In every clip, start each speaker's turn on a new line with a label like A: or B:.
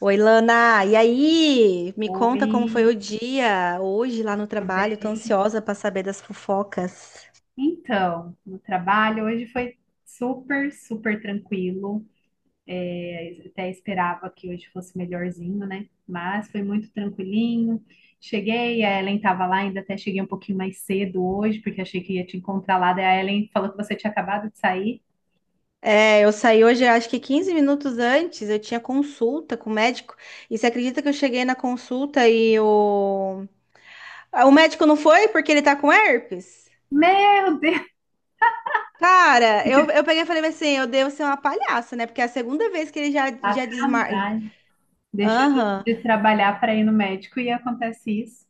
A: Oi, Lana. E aí? Me
B: Oi,
A: conta como foi o dia hoje lá no
B: tudo bem?
A: trabalho. Tô ansiosa para saber das fofocas.
B: Então, no trabalho hoje foi super, super tranquilo. Eu até esperava que hoje fosse melhorzinho, né? Mas foi muito tranquilinho. Cheguei, a Ellen estava lá, ainda até cheguei um pouquinho mais cedo hoje, porque achei que ia te encontrar lá. Daí a Ellen falou que você tinha acabado de sair.
A: É, eu saí hoje, acho que 15 minutos antes, eu tinha consulta com o médico. E você acredita que eu cheguei na consulta ah, o médico não foi porque ele tá com herpes?
B: Meu Deus,
A: Cara,
B: que
A: eu,
B: de
A: eu peguei e falei assim, eu devo ser uma palhaça, né? Porque é a segunda vez que ele já desmarca.
B: sacanagem. Deixou de trabalhar para ir no médico e acontece isso,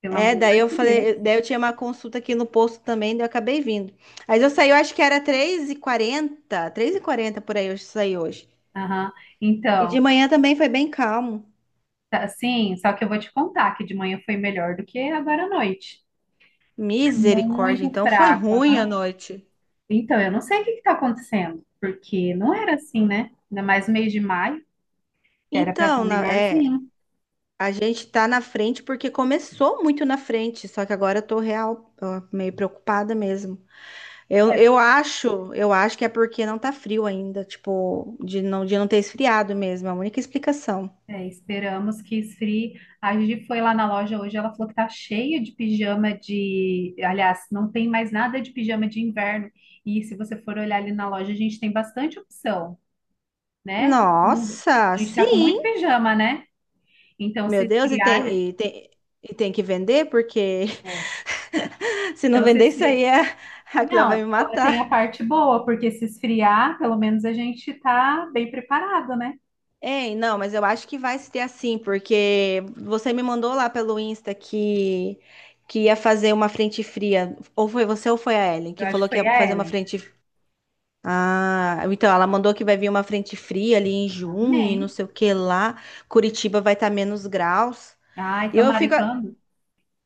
B: pelo
A: É,
B: amor
A: daí eu
B: de Deus.
A: falei, daí eu tinha uma consulta aqui no posto também, daí eu acabei vindo. Mas eu saí, eu acho que era 3h40, 3h40 por aí, eu saí hoje.
B: Aham.
A: E de
B: Então.
A: manhã também foi bem calmo.
B: Tá, sim, só que eu vou te contar que de manhã foi melhor do que agora à noite. É
A: Misericórdia,
B: muito
A: então foi
B: fraca,
A: ruim a
B: né?
A: noite.
B: Então, eu não sei o que está acontecendo, porque não era assim, né? Ainda mais no mês de maio, era para estar
A: Então, é,
B: melhorzinho.
A: a gente tá na frente porque começou muito na frente, só que agora eu tô real, ó, meio preocupada mesmo. Eu,
B: É,
A: eu acho, eu acho que é porque não tá frio ainda, tipo, de não ter esfriado mesmo, é a única explicação.
B: é, esperamos que esfrie. A Gi foi lá na loja hoje, ela falou que tá cheia de pijama de. Aliás, não tem mais nada de pijama de inverno. E se você for olhar ali na loja, a gente tem bastante opção, né? A
A: Nossa,
B: gente tá com
A: sim!
B: muito pijama, né? Então, se
A: Meu Deus, e
B: esfriar.
A: tem, e tem, e tem que vender, porque se não
B: Então, se
A: vender isso aí,
B: esfri...
A: a Cleo vai
B: Não,
A: me
B: tem a
A: matar.
B: parte boa, porque se esfriar, pelo menos a gente tá bem preparado, né?
A: Ei, não, mas eu acho que vai ser assim, porque você me mandou lá pelo Insta que ia fazer uma frente fria. Ou foi você ou foi a Ellen que
B: Eu acho que
A: falou que
B: foi
A: ia
B: a
A: fazer uma
B: Ellen.
A: frente. Ah, então ela mandou que vai vir uma frente fria ali em junho e não
B: Amém.
A: sei o que lá. Curitiba vai estar menos graus.
B: Ai,
A: E eu
B: tomara
A: fico,
B: e quando?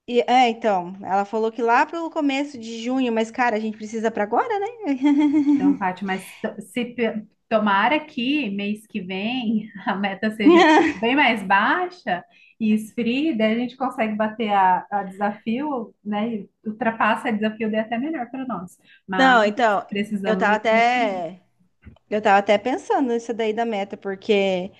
A: então, ela falou que lá pro começo de junho, mas cara, a gente precisa pra agora, né?
B: Então, Paty, mas to- se pe- tomara que mês que vem a meta seja bem mais baixa e esfrie, daí a gente consegue bater a desafio, né? E ultrapassa a desafio, daí é até melhor para nós. Mas
A: Não, então, eu
B: precisamos
A: tava
B: desse mês que vem.
A: até eu tava até pensando nisso daí da meta, porque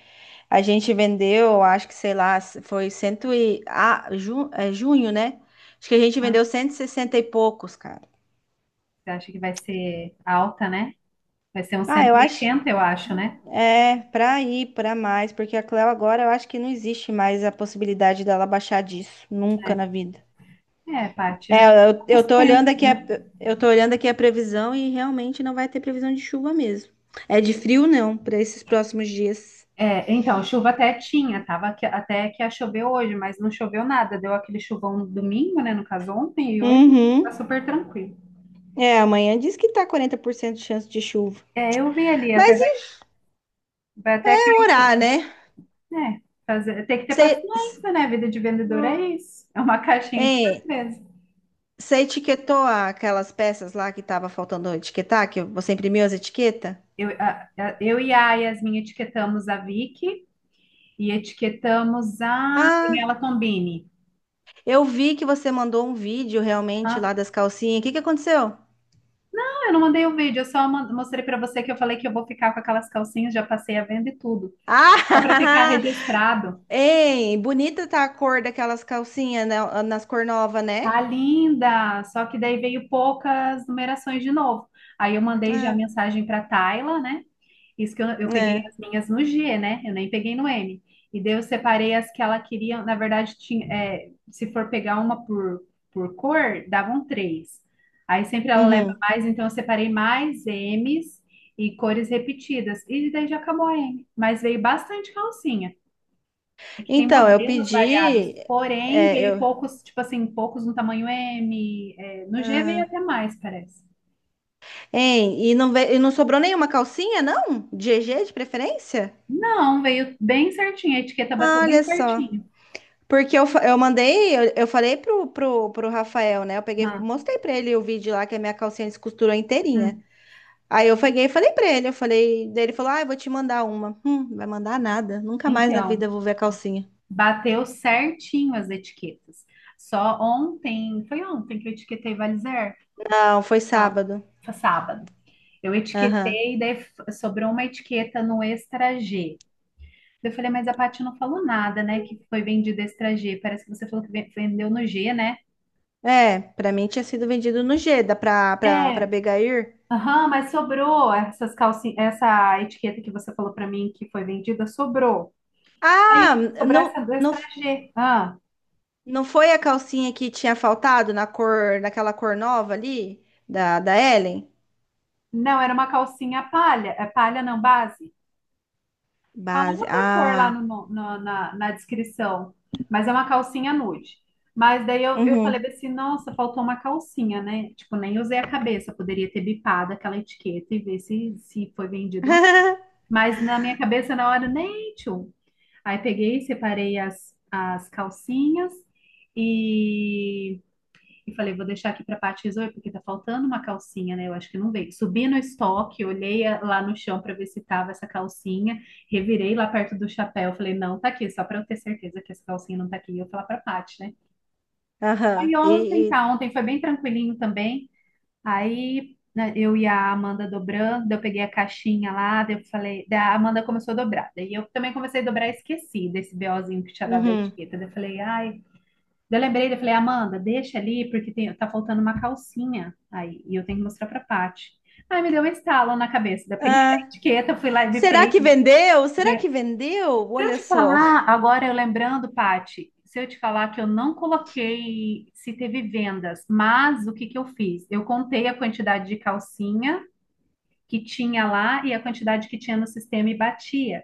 A: a gente vendeu, acho que sei lá, foi cento e ah, ju, é, junho, né? Acho que a gente
B: Né?
A: vendeu 160 e sessenta e poucos, cara.
B: Você acha que vai ser alta, né? Vai ser uns
A: Ah,
B: cento
A: eu
B: e
A: acho
B: oitenta, eu acho, né?
A: é pra ir pra mais, porque a Cleo agora eu acho que não existe mais a possibilidade dela baixar disso, nunca na vida.
B: É, parte
A: É,
B: né,
A: eu, eu
B: dos
A: tô olhando
B: tempos,
A: aqui a,
B: né?
A: eu tô olhando aqui a previsão e realmente não vai ter previsão de chuva mesmo. É de frio não, para esses próximos dias.
B: É, então, chuva até tinha, tava até que ia chover hoje, mas não choveu nada. Deu aquele chuvão no domingo, né? No caso, ontem e hoje, tá
A: Uhum.
B: super tranquilo.
A: É, amanhã diz que tá 40% de chance de chuva.
B: É, eu vi ali,
A: Mas e
B: vai
A: vai
B: até cair um
A: orar,
B: pouco.
A: né?
B: É, fazer, tem que ter
A: Você,
B: paciência, né? Vida de vendedor é isso. É uma caixinha de
A: é,
B: surpresa.
A: você etiquetou aquelas peças lá que tava faltando etiquetar, que você imprimiu as etiquetas?
B: Eu e a Yasmin etiquetamos a Vicky e etiquetamos a
A: Ah,
B: Daniela Tombini.
A: eu vi que você mandou um vídeo realmente
B: Tá?
A: lá das calcinhas. O que que aconteceu?
B: Ah, eu não mandei o vídeo, eu só mostrei pra você que eu falei que eu vou ficar com aquelas calcinhas, já passei a venda e tudo. Só pra ficar
A: Ah,
B: registrado.
A: Ei, bonita tá a cor daquelas calcinhas nas cor nova,
B: Tá
A: né?
B: linda! Só que daí veio poucas numerações de novo. Aí eu mandei já
A: Ah,
B: mensagem pra Tayla, né? Isso que eu peguei
A: é.
B: as minhas no G, né? Eu nem peguei no M. E daí eu separei as que ela queria. Na verdade, tinha, é, se for pegar uma por cor, davam três. Aí sempre ela leva
A: Uhum.
B: mais, então eu separei mais M's e cores repetidas. E daí já acabou a M. Mas veio bastante calcinha. É que tem
A: Então, eu
B: modelos variados,
A: pedi.
B: porém
A: É,
B: veio
A: eu.
B: poucos, tipo assim, poucos no tamanho M. É, no G veio
A: Ah.
B: até mais, parece.
A: Ei, e não sobrou nenhuma calcinha, não? De GG de preferência?
B: Não, veio bem certinho, a etiqueta bateu
A: Ah,
B: bem
A: olha só.
B: certinho.
A: Porque eu falei pro Rafael, né? Eu peguei,
B: Ah.
A: mostrei pra ele o vídeo lá que a minha calcinha descosturou inteirinha. Aí eu peguei e falei pra ele, eu falei, daí ele falou, ah, eu vou te mandar uma. Vai mandar nada, nunca mais na vida
B: Então,
A: eu vou ver a calcinha.
B: bateu certinho as etiquetas. Só ontem, foi ontem que eu etiquetei Valizer?
A: Não, foi
B: Não,
A: sábado.
B: foi sábado. Eu
A: Aham.
B: etiquetei, daí sobrou uma etiqueta no Extra G. Eu falei, mas a Paty não falou nada, né? Que foi vendido Extra G. Parece que você falou que vendeu no G, né?
A: É, pra mim tinha sido vendido no Geda pra, pra
B: É,
A: Begair.
B: aham, mas sobrou essas calcinhas, essa etiqueta que você falou pra mim que foi vendida, sobrou.
A: Ah,
B: Aí sobrou
A: não,
B: essa do
A: não,
B: Extra G. Ah,
A: não foi a calcinha que tinha faltado na cor, naquela cor nova ali? Da Ellen?
B: não, era uma calcinha palha, é palha não, base. Fala
A: Base.
B: outra cor lá no,
A: Ah.
B: no- no- na, na descrição, mas é uma calcinha nude. Mas daí eu falei
A: Uhum.
B: bem assim, nossa, faltou uma calcinha, né? Tipo, nem usei a cabeça, poderia ter bipado aquela etiqueta e ver se foi vendido ou não. Mas na minha cabeça, na hora, nem tchum. Aí peguei, separei as calcinhas e e falei, vou deixar aqui para a Paty resolver, porque tá faltando uma calcinha, né? Eu acho que não veio. Subi no estoque, olhei lá no chão para ver se tava essa calcinha, revirei lá perto do chapéu, falei, não, tá aqui, só para eu ter certeza que essa calcinha não tá aqui. E eu falar para a Paty, né?
A: Aham.
B: Aí ontem, tá, ontem foi bem tranquilinho também. Aí né, eu e a Amanda dobrando, daí eu peguei a caixinha lá, daí eu falei, daí a Amanda começou a dobrar. Daí eu também comecei a dobrar e esqueci desse BOzinho que tinha dado a
A: Uhum.
B: etiqueta. Daí eu falei, ai. Daí eu lembrei, eu falei, Amanda, deixa ali, porque tem, tá faltando uma calcinha aí, e eu tenho que mostrar pra Paty. Aí me deu um estalo na cabeça, daí eu peguei a
A: Ah,
B: etiqueta, fui lá e
A: será que
B: bipei.
A: vendeu? Será
B: Né?
A: que vendeu?
B: Se eu
A: Olha
B: te
A: só.
B: falar, agora eu lembrando, Paty, se eu te falar que eu não coloquei se teve vendas, mas o que que eu fiz? Eu contei a quantidade de calcinha que tinha lá e a quantidade que tinha no sistema e batia.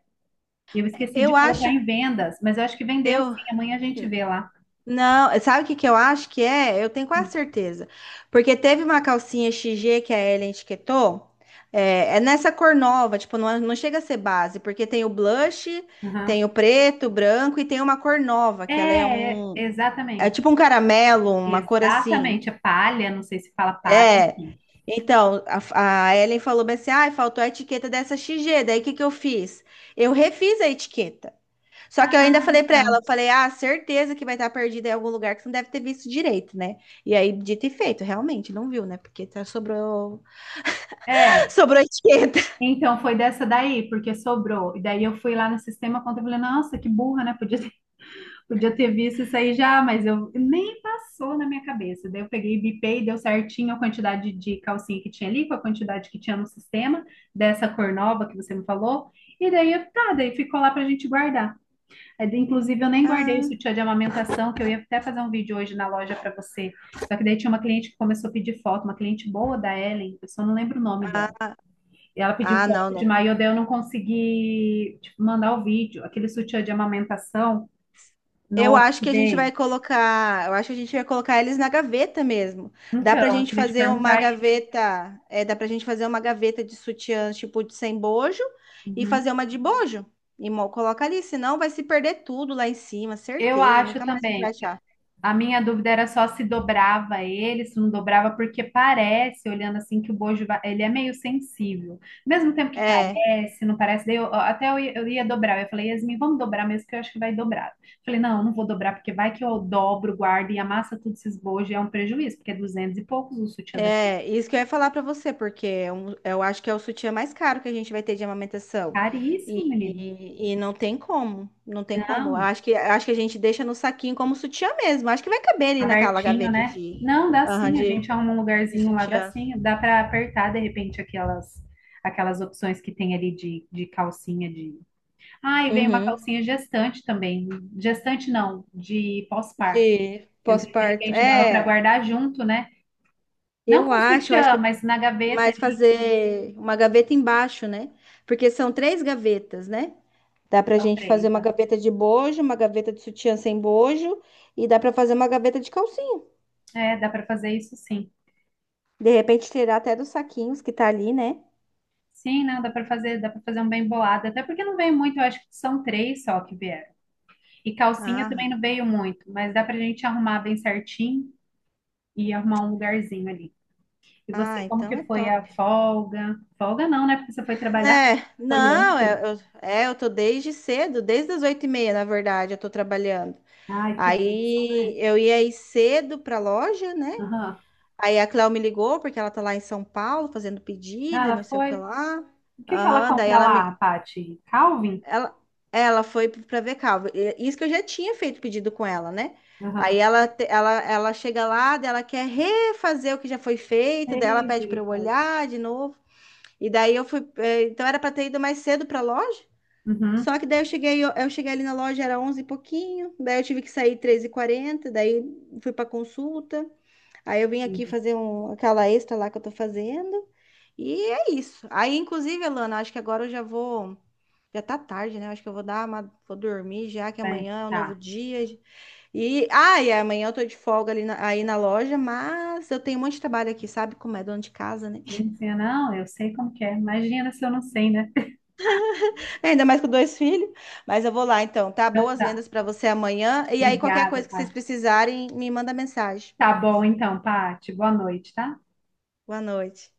B: Eu esqueci
A: Eu
B: de colocar
A: acho.
B: em vendas, mas eu acho que vendeu
A: Eu.
B: sim, amanhã a gente vê lá.
A: Não, sabe o que que eu acho que é? Eu tenho quase certeza. Porque teve uma calcinha XG que a Ellen etiquetou. É, é nessa cor nova, tipo, não, não chega a ser base, porque tem o blush,
B: Uhum.
A: tem o preto, o branco e tem uma cor nova, que ela é
B: É, é,
A: um. É tipo um
B: exatamente.
A: caramelo, uma cor assim.
B: Exatamente. A palha, não sei se fala palha,
A: É.
B: enfim.
A: Então, a Ellen falou bem assim: ai, faltou a etiqueta dessa XG. Daí o que que eu fiz? Eu refiz a etiqueta. Só que
B: Ah,
A: eu ainda falei pra
B: tá.
A: ela, eu falei, ah, certeza que vai estar perdida em algum lugar que você não deve ter visto direito, né? E aí, dito e feito, realmente, não viu, né? Porque sobrou,
B: É.
A: sobrou etiqueta.
B: Então foi dessa daí, porque sobrou. E daí eu fui lá no sistema conta e falei, nossa, que burra, né? Podia ter, podia ter visto isso aí já, mas eu nem passou na minha cabeça. Daí eu peguei e bipei, deu certinho a quantidade de calcinha que tinha ali, com a quantidade que tinha no sistema, dessa cor nova que você me falou. E daí, tá, daí ficou lá pra gente guardar. Mas, inclusive, eu nem guardei o
A: Ah,
B: sutiã de amamentação, que eu ia até fazer um vídeo hoje na loja para você. Só que daí tinha uma cliente que começou a pedir foto, uma cliente boa da Ellen, eu só não lembro o nome dela. E ela pediu
A: ah,
B: foto
A: não,
B: de
A: não.
B: maiô, daí eu não consegui, tipo, mandar o vídeo, aquele sutiã de amamentação novo que veio.
A: Eu acho que a gente vai colocar eles na gaveta mesmo.
B: Então, eu queria te perguntar isso.
A: Dá pra gente fazer uma gaveta de sutiãs, tipo, de sem bojo, e
B: Uhum.
A: fazer uma de bojo. E coloca ali, senão vai se perder tudo lá em cima,
B: Eu
A: certeza,
B: acho
A: nunca mais a gente vai
B: também,
A: achar.
B: a minha dúvida era só se dobrava ele, se não dobrava, porque parece, olhando assim, que o bojo, ele é meio sensível. Ao mesmo tempo que
A: É.
B: parece, não parece, daí ó, até eu ia dobrar. Eu falei, Yasmin, vamos dobrar mesmo, que eu acho que vai dobrar. Falei, não, eu não vou dobrar, porque vai que eu dobro, guardo e amassa tudo esses bojos, e é um prejuízo, porque é 200 e poucos, o sutiã daqui é
A: É, isso que eu ia falar pra você, porque é eu acho que é o sutiã mais caro que a gente vai ter de amamentação.
B: caríssimo, menino.
A: E não tem como, não tem como. Eu
B: Não.
A: acho que a gente deixa no saquinho como sutiã mesmo. Acho que vai caber ali naquela
B: Abertinho,
A: gaveta
B: né?
A: de,
B: Não, dá
A: aham,
B: sim, a
A: de,
B: gente arruma um
A: de
B: lugarzinho lá, dá
A: sutiã.
B: sim. Dá para apertar, de repente, aquelas opções que tem ali de calcinha de... Ah, e vem uma
A: Uhum.
B: calcinha gestante também. Gestante não, de pós-par.
A: De
B: Então, de
A: pós-parto.
B: repente dava para
A: É,
B: guardar junto, né? Não
A: eu
B: com
A: acho, eu acho
B: sutiã,
A: que.
B: mas na gaveta
A: Mas
B: ali,
A: fazer uma gaveta embaixo, né? Porque são três gavetas, né? Dá pra
B: são
A: gente fazer
B: três,
A: uma
B: né?
A: gaveta de bojo, uma gaveta de sutiã sem bojo e dá pra fazer uma gaveta de calcinha.
B: É, dá para fazer isso sim.
A: De repente tirar até dos saquinhos que tá ali, né?
B: Sim, não, dá para fazer um bem bolado, até porque não vem muito, eu acho que são três só que vieram. E calcinha também
A: Ah,
B: não veio muito, mas dá pra gente arrumar bem certinho e arrumar um lugarzinho ali. E
A: ah,
B: você, como
A: então
B: que
A: é
B: foi a
A: top.
B: folga? Folga não, né? Porque você foi trabalhar.
A: Né?
B: Foi
A: Não, é,
B: ontem.
A: eu tô desde cedo, desde as 8h30, na verdade, eu tô trabalhando.
B: Ai, que bênção,
A: Aí
B: né?
A: eu ia ir cedo pra loja, né?
B: Aham.
A: Aí a Cléo me ligou, porque ela tá lá em São Paulo fazendo pedido e não
B: Ela
A: sei o que
B: foi.
A: lá.
B: O que que ela
A: Aham, daí
B: compra
A: ela me.
B: lá, Paty? Calvin?
A: Ela, ela foi pra ver Calvo. Isso que eu já tinha feito pedido com ela, né? Aí
B: Aham.
A: ela chega lá, daí ela quer refazer o que já foi feito,
B: Ei,
A: daí ela pede pra eu
B: misericórdia.
A: olhar de novo. E daí eu fui. Então era pra ter ido mais cedo pra loja.
B: Uhum.
A: Só que daí eu cheguei, eu cheguei ali na loja, era 11 e pouquinho. Daí eu tive que sair 3h40, daí fui pra consulta. Aí eu vim aqui
B: Entendi.
A: fazer aquela extra lá que eu tô fazendo. E é isso. Aí, inclusive, Alana, acho que agora eu já vou. Já tá tarde, né? Acho que eu vou dar uma, vou dormir já, que
B: Bem,
A: amanhã é um novo
B: tá.
A: dia. E amanhã eu tô de folga ali aí na loja, mas eu tenho um monte de trabalho aqui, sabe? Como é dona de casa, né?
B: Sim, sim, não, eu sei como que é. Imagina se eu não sei, né?
A: Ainda mais com dois filhos. Mas eu vou lá então, tá?
B: Então
A: Boas
B: tá.
A: vendas pra você amanhã. E aí, qualquer
B: Obrigada,
A: coisa que vocês
B: Paty.
A: precisarem, me manda mensagem.
B: Tá bom então, Paty. Boa noite, tá?
A: Boa noite.